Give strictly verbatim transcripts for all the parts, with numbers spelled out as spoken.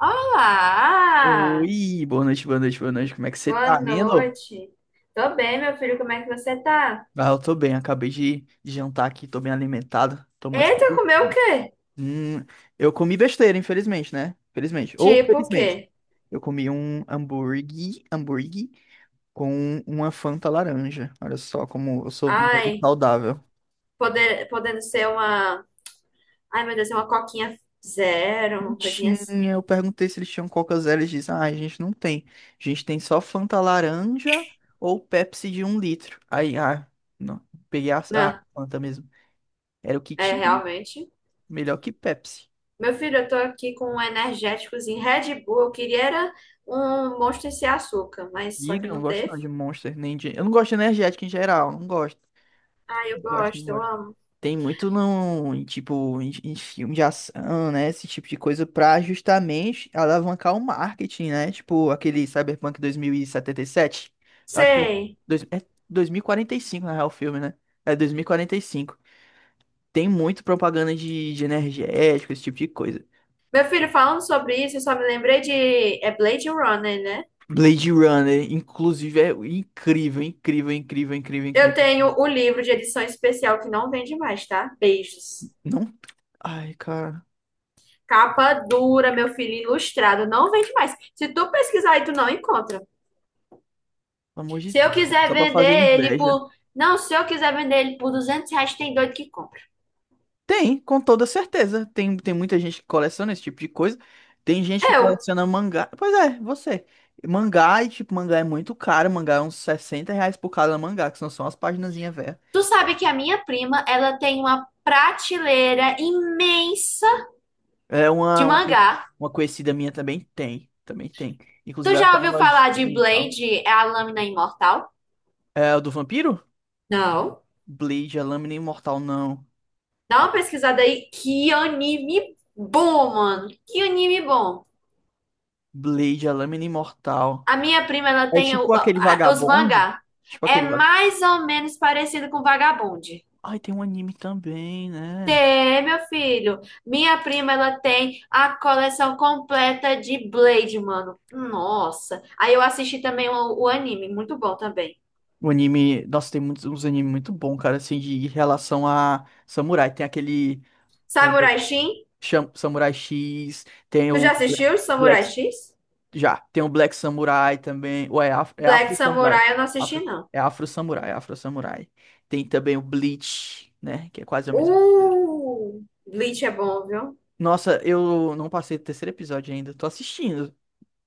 Olá! Oi, boa noite, boa noite, boa noite. Como é que você Boa tá, Nilo? noite. Tô bem, meu filho, como é que você tá? Ah, eu tô bem, acabei de de jantar aqui, tô bem alimentado, tô muito Eita, feliz. comeu o quê? Hum, eu comi besteira, infelizmente, né? Felizmente. Ou Tipo o felizmente. quê? Eu comi um hambúrguer, hambúrguer com uma Fanta laranja. Olha só como eu sou muito Ai, saudável. poder, podendo ser uma. Ai, meu Deus, é uma coquinha zero, Não uma coisinha tinha, assim. eu perguntei se eles tinham Coca Zero, eles dizem, ah, a gente não tem. A gente tem só Fanta laranja ou Pepsi de um litro. Aí, ah, não, peguei a, a Não, Fanta mesmo. Era o que é tinha, né? realmente. Melhor que Pepsi. Meu filho, eu tô aqui com um energéticozinho Red Bull. Eu queria era um Monster sem açúcar, mas só que Diga, eu não não gosto teve. não de Monster, nem de... Eu não gosto de energética em geral, não gosto. Ai, Não eu gosto, não gosto, eu gosto. amo. Tem muito não, em, tipo, em, em filme de ação, né? Esse tipo de coisa pra justamente alavancar o marketing, né? Tipo, aquele Cyberpunk dois mil e setenta e sete. Eu acho que. eu- Sei. Dois, é dois mil e quarenta e cinco, na real, o filme, né? É dois mil e quarenta e cinco. Tem muito propaganda de, de energético, esse tipo de coisa. Meu filho, falando sobre isso, eu só me lembrei de. É Blade Runner, né? Blade Runner, inclusive, é incrível, incrível, incrível, incrível, Eu incrível. tenho o livro de edição especial que não vende mais, tá? Beijos. Não. Ai, cara, Capa dura, meu filho, ilustrado, não vende mais. Se tu pesquisar aí, tu não encontra. pelo amor de Se eu Deus. É quiser só pra fazer vender ele inveja. por. Não, se eu quiser vender ele por duzentos reais, tem doido que compra. Tem, com toda certeza. Tem, tem muita gente que coleciona esse tipo de coisa. Tem gente que Eu. coleciona mangá. Pois é, você. Mangá, e tipo, mangá é muito caro. Mangá é uns sessenta reais por cada mangá, que são só umas paginazinhas velhas. Tu sabe que a minha prima, ela tem uma prateleira imensa É de uma, uma, conhe- mangá. uma conhecida minha também tem. Também tem. Tu Inclusive, ela já tem uma ouviu falar de lojinha e tal. Blade, é a lâmina imortal? É o do vampiro? Não. Blade, a Lâmina Imortal, não. Dá A uma pesquisada aí. Que anime bom, mano. Que anime bom. Blade, a Lâmina Imortal. A minha prima, ela É tem o- tipo aquele a- a- os vagabonde. mangá. Tipo É aquele. mais ou menos parecido com Vagabond. Ai, tem um anime também, né? Tem, meu filho. Minha prima, ela tem a coleção completa de Blade, mano. Nossa. Aí eu assisti também o, o anime, muito bom também. O anime. Nossa, tem muitos, uns animes muito bons, cara, assim, de em relação a samurai. Tem aquele. É, Samurai X? Cham- Samurai X, tem Tu já o Black, assistiu Samurai Black- X? Já, tem o Black Samurai também. Ou é, Af- é Black Afro Samurai. Samurai eu não assisti, Afro, não. é Afro Samurai, é Afro Samurai. Tem também o Bleach, né? Que é quase a mesma coisa. Uh! Bleach é bom, viu? Nossa, eu não passei do terceiro episódio ainda. Tô assistindo.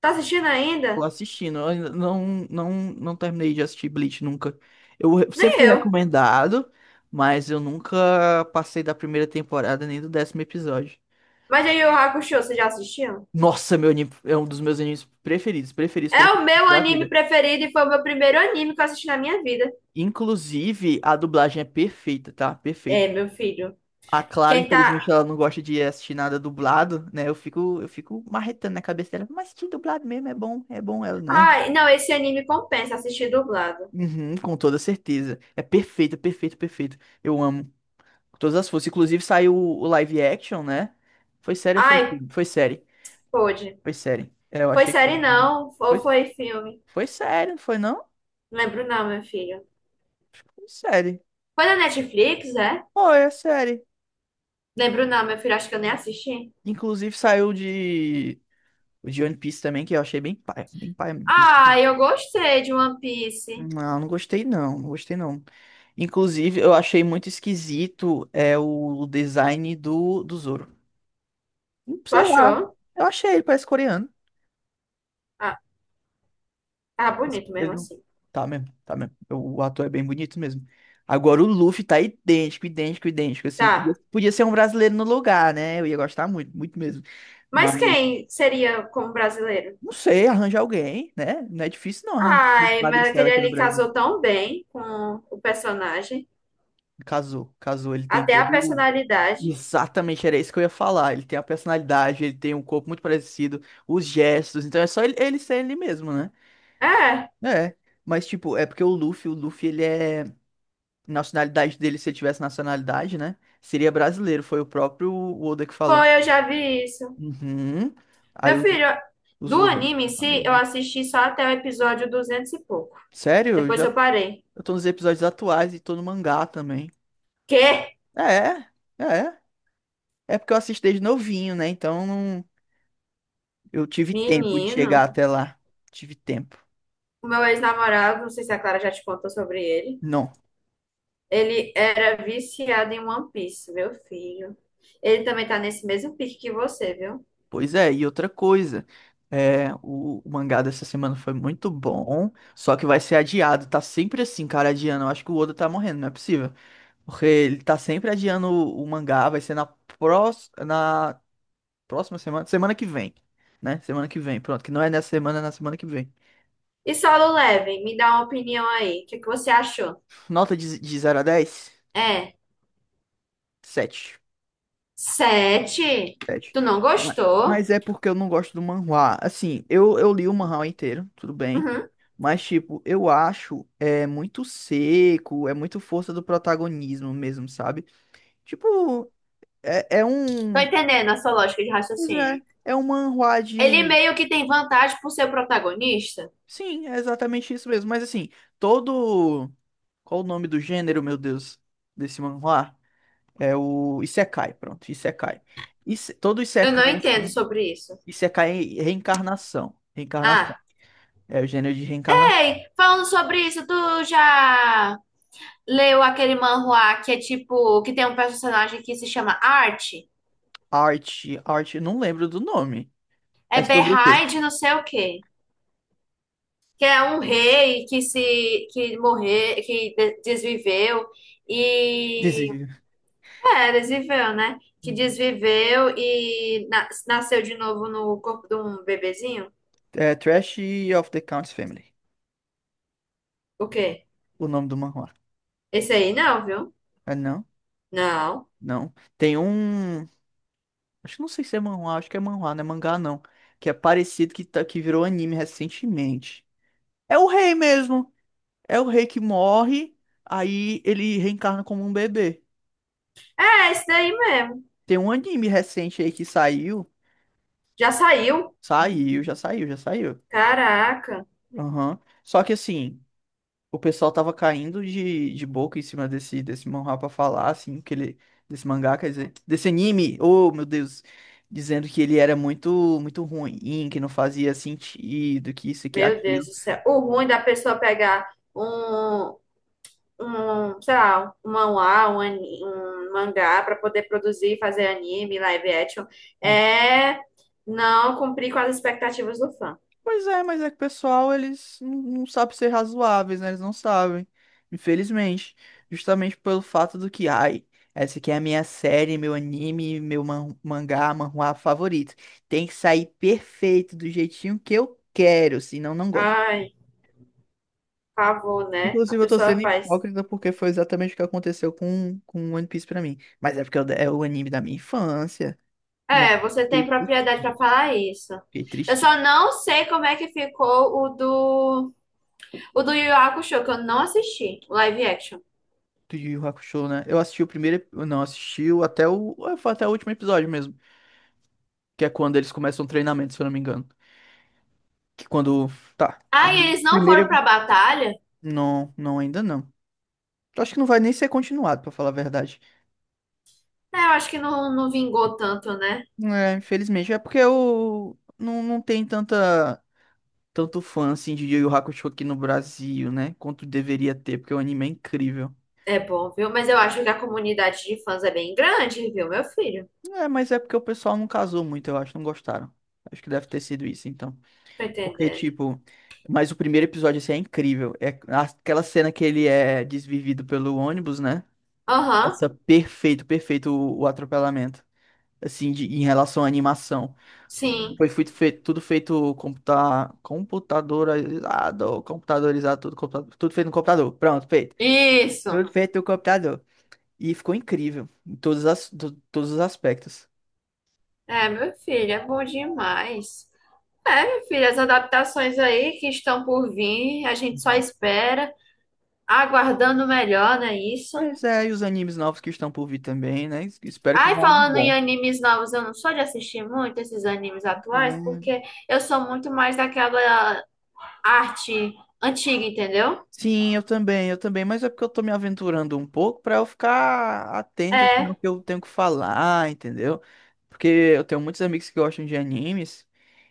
Tá assistindo Tô ainda? assistindo. Eu ainda não, não, não terminei de assistir Bleach nunca. Eu re- sempre Nem fui eu. recomendado, mas eu nunca passei da primeira temporada nem do décimo episódio. Mas aí o Hakusho, você já assistiu? Nossa, meu anime é um dos meus animes preferidos, preferidos, É o preferidos meu da anime vida. preferido e foi o meu primeiro anime que eu assisti na minha vida. Inclusive, a dublagem é perfeita, tá? Perfeita. É, meu filho. A Clara, Quem infelizmente, tá. ela não gosta de assistir nada dublado, né? Eu fico, eu fico marretando na cabeça dela, mas que dublado mesmo é bom, é bom ela, né? Ai, não, esse anime compensa assistir dublado. Uhum, com toda certeza. É perfeito, perfeito, perfeito. Eu amo. Todas as forças. Inclusive saiu o live action, né? Foi sério ou foi Ai, filme? Foi série. pôde. Foi série. É, eu Foi achei que foi, série né? não, Foi, ou foi filme? foi série, não foi não? Não lembro não, meu filho. Foi série. Foi na Netflix, é? Foi, é série. Lembro não, meu filho, acho que eu nem assisti. Inclusive saiu de. O de One Piece também, que eu achei bem pai. Bem pai. Ah, eu gostei de One Piece. Não, não gostei não. Não gostei não. Inclusive, eu achei muito esquisito é o design do, do Zoro. Tu Sei lá. achou? Eu achei ele, parece coreano. Ah, tá Mas bonito mesmo ele não. assim. Tá mesmo, tá mesmo. O o ator é bem bonito mesmo. Agora o Luffy tá idêntico, idêntico, idêntico, assim. Podia, Tá. podia ser um brasileiro no lugar, né? Eu ia gostar muito, muito mesmo. Mas, Mas quem seria como brasileiro? não sei, arranja alguém, né? Não é difícil não arranjar alguém de Ai, mas magricela aquele aqui no ali Brasil. casou tão bem com o personagem. Casou, casou. Ele tem Até todo. a o- personalidade. Exatamente, era isso que eu ia falar. Ele tem a personalidade, ele tem um corpo muito parecido, os gestos. Então é só ele, ele ser ele mesmo, né? É, É. Mas, tipo, é porque o Luffy, o Luffy, ele é. Nacionalidade dele, se ele tivesse nacionalidade, né? Seria brasileiro, foi o próprio Oda que falou. foi, eu já vi isso. Uhum. Aí Meu o- filho, os do outros. anime em si, eu assisti só até o episódio duzentos e pouco. Sério? Eu Depois já eu parei. eu tô nos episódios atuais e tô no mangá também. Quê? É, é. É É porque eu assisti desde novinho, né? Então não- eu tive tempo de chegar Menino, até lá. Tive tempo. o meu ex-namorado, não sei se a Clara já te contou sobre ele. Não. Ele era viciado em One Piece, meu filho. Ele também tá nesse mesmo pique que você, viu? Pois é, e outra coisa. É, o, o mangá dessa semana foi muito bom, só que vai ser adiado. Tá sempre assim, cara, adiando. Eu acho que o Oda tá morrendo, não é possível. Porque ele tá sempre adiando o, o mangá, vai ser na, prós- na próxima semana, semana que vem, né? Semana que vem, pronto, que não é nessa semana, é na semana que vem. E Solo Leveling, me dá uma opinião aí. O que que você achou? Nota de, de zero a dez? É, Sete. sete? Sete. Tu não Ma- gostou? Mas é porque eu não gosto do manhwa. Assim, eu, eu li o manhwa inteiro, tudo bem. Uhum. Mas, tipo, eu acho é muito seco, é muito força do protagonismo mesmo, sabe? Tipo, é, é Tô um. entendendo a sua lógica de Pois é, raciocínio. é um manhwa. Ele meio que tem vantagem por ser o protagonista? Sim, é exatamente isso mesmo. Mas assim, todo. Qual o nome do gênero, meu Deus, desse manhwa? É o Isekai, pronto, Isekai. Ise- Todo Eu não Isekai, entendo assim, sobre isso. Isekai é reencarnação. Reencarnação. Ah, É o gênero de reencarnação. ei, falando sobre isso, tu já leu aquele manhwa que é tipo, que tem um personagem que se chama Art? Arte, arte, não lembro do nome. É É sobre o quê? Behind de não sei o quê. Que é um rei que se, que morreu, que de- desviveu e... Diz- É, desviveu, né? Que Uhum. desviveu e na- nasceu de novo no corpo de um bebezinho. É Trash of the Count's Family, O quê? o nome do manhwa. Esse aí não, viu? É, não? Não. Não. Tem um. Acho que não sei se é manhwa, acho que é manhwa, não é mangá não. Que é parecido que, tá, que virou anime recentemente. É o rei mesmo. É o rei que morre, aí ele reencarna como um bebê. É, esse daí mesmo. Tem um anime recente aí que saiu. Já saiu? Saiu, já saiu, já saiu. Caraca. Aham. Só que assim, o pessoal tava caindo de, de boca em cima desse, desse manhwa pra falar, assim, que ele. Desse mangá, quer dizer, desse anime. Oh, meu Deus, dizendo que ele era muito muito ruim, que não fazia sentido, que isso e que Meu Deus aquilo. do céu. O ruim da pessoa pegar um, um, sei lá, um manhwa, um, ani- um mangá para poder produzir e fazer anime, live action, é não cumprir com as expectativas do fã. Pois é, mas é que o pessoal, eles não não sabem ser razoáveis, né? Eles não sabem. Infelizmente. Justamente pelo fato do que, ai, essa aqui é a minha série, meu anime, meu man mangá, manhwa favorito. Tem que sair perfeito, do jeitinho que eu quero, senão não gosto. Ai, pavor, né? A Inclusive, eu tô pessoa sendo faz. hipócrita porque foi exatamente o que aconteceu com, com One Piece pra mim. Mas é porque eu- é o anime da minha infância, né? É, você tem Fiquei triste- propriedade para falar isso. Eu fiquei só não sei como é que ficou o do o do Yu Yu Hakusho, que eu não assisti, o live action. Do Yu Yu Hakusho, né? Eu assisti o primeiro, ep- não, assisti o- até o, ah, foi até o último episódio mesmo, que é quando eles começam o treinamento, se eu não me engano. Que quando, tá, ah. Ah, e eles não foram Primeiro, pra batalha? não, não ainda não. Eu acho que não vai nem ser continuado, pra falar a verdade. É, eu acho que não, não vingou tanto, né? É, infelizmente, é porque eu não, não tem tanta tanto fã assim de Yu Yu Hakusho aqui no Brasil, né? Quanto deveria ter, porque o anime é incrível. É bom, viu? Mas eu acho que a comunidade de fãs é bem grande, viu, meu filho? É, mas é porque o pessoal não casou muito, eu acho, não gostaram. Acho que deve ter sido isso, então. Tá Porque, entendendo? tipo, mas o primeiro episódio, assim, é incrível. É aquela cena que ele é desvivido pelo ônibus, né? Aham, Nossa, perfeito, perfeito o, o atropelamento. Assim, de- em relação à animação. sim. Foi fui- feito, tudo feito computa, computadorizado, computadorizado, tudo, computa- tudo feito no computador. Pronto, feito. Isso. Tudo feito no computador. E ficou incrível em todos, as, to- todos os aspectos. É, meu filho, é bom demais. É, meu filho, as adaptações aí que estão por vir, a gente só espera, aguardando o melhor, não é isso? Mas é, e os animes novos que estão por vir também, né? Espero que Ai, venha algo falando em animes novos, eu não sou de assistir muito esses animes atuais, bom. porque eu sou muito mais daquela arte antiga, entendeu? Sim, eu também, eu também, mas é porque eu tô me aventurando um pouco pra eu ficar atento assim, ao É. que eu tenho que falar, entendeu? Porque eu tenho muitos amigos que gostam de animes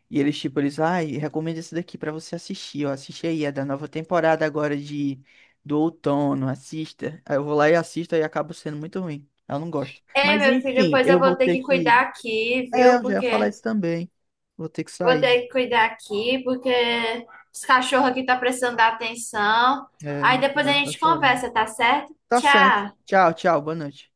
e eles tipo, eles, ai, recomendo esse daqui pra você assistir, ó, assiste aí, é da nova temporada agora de do outono, assista. Aí eu vou lá e assisto e acabo sendo muito ruim. Eu não gosto. É, Mas meu filho, enfim, pois eu eu vou vou ter ter que que, cuidar aqui, é, viu? eu já ia falar Porque isso também. Vou ter que vou sair. ter que cuidar aqui, porque os cachorros aqui tá precisando da atenção. É, Aí meu depois a sobrinho tá gente chorando. conversa, tá certo? Tá certo. Tchau. Tchau, tchau, boa noite.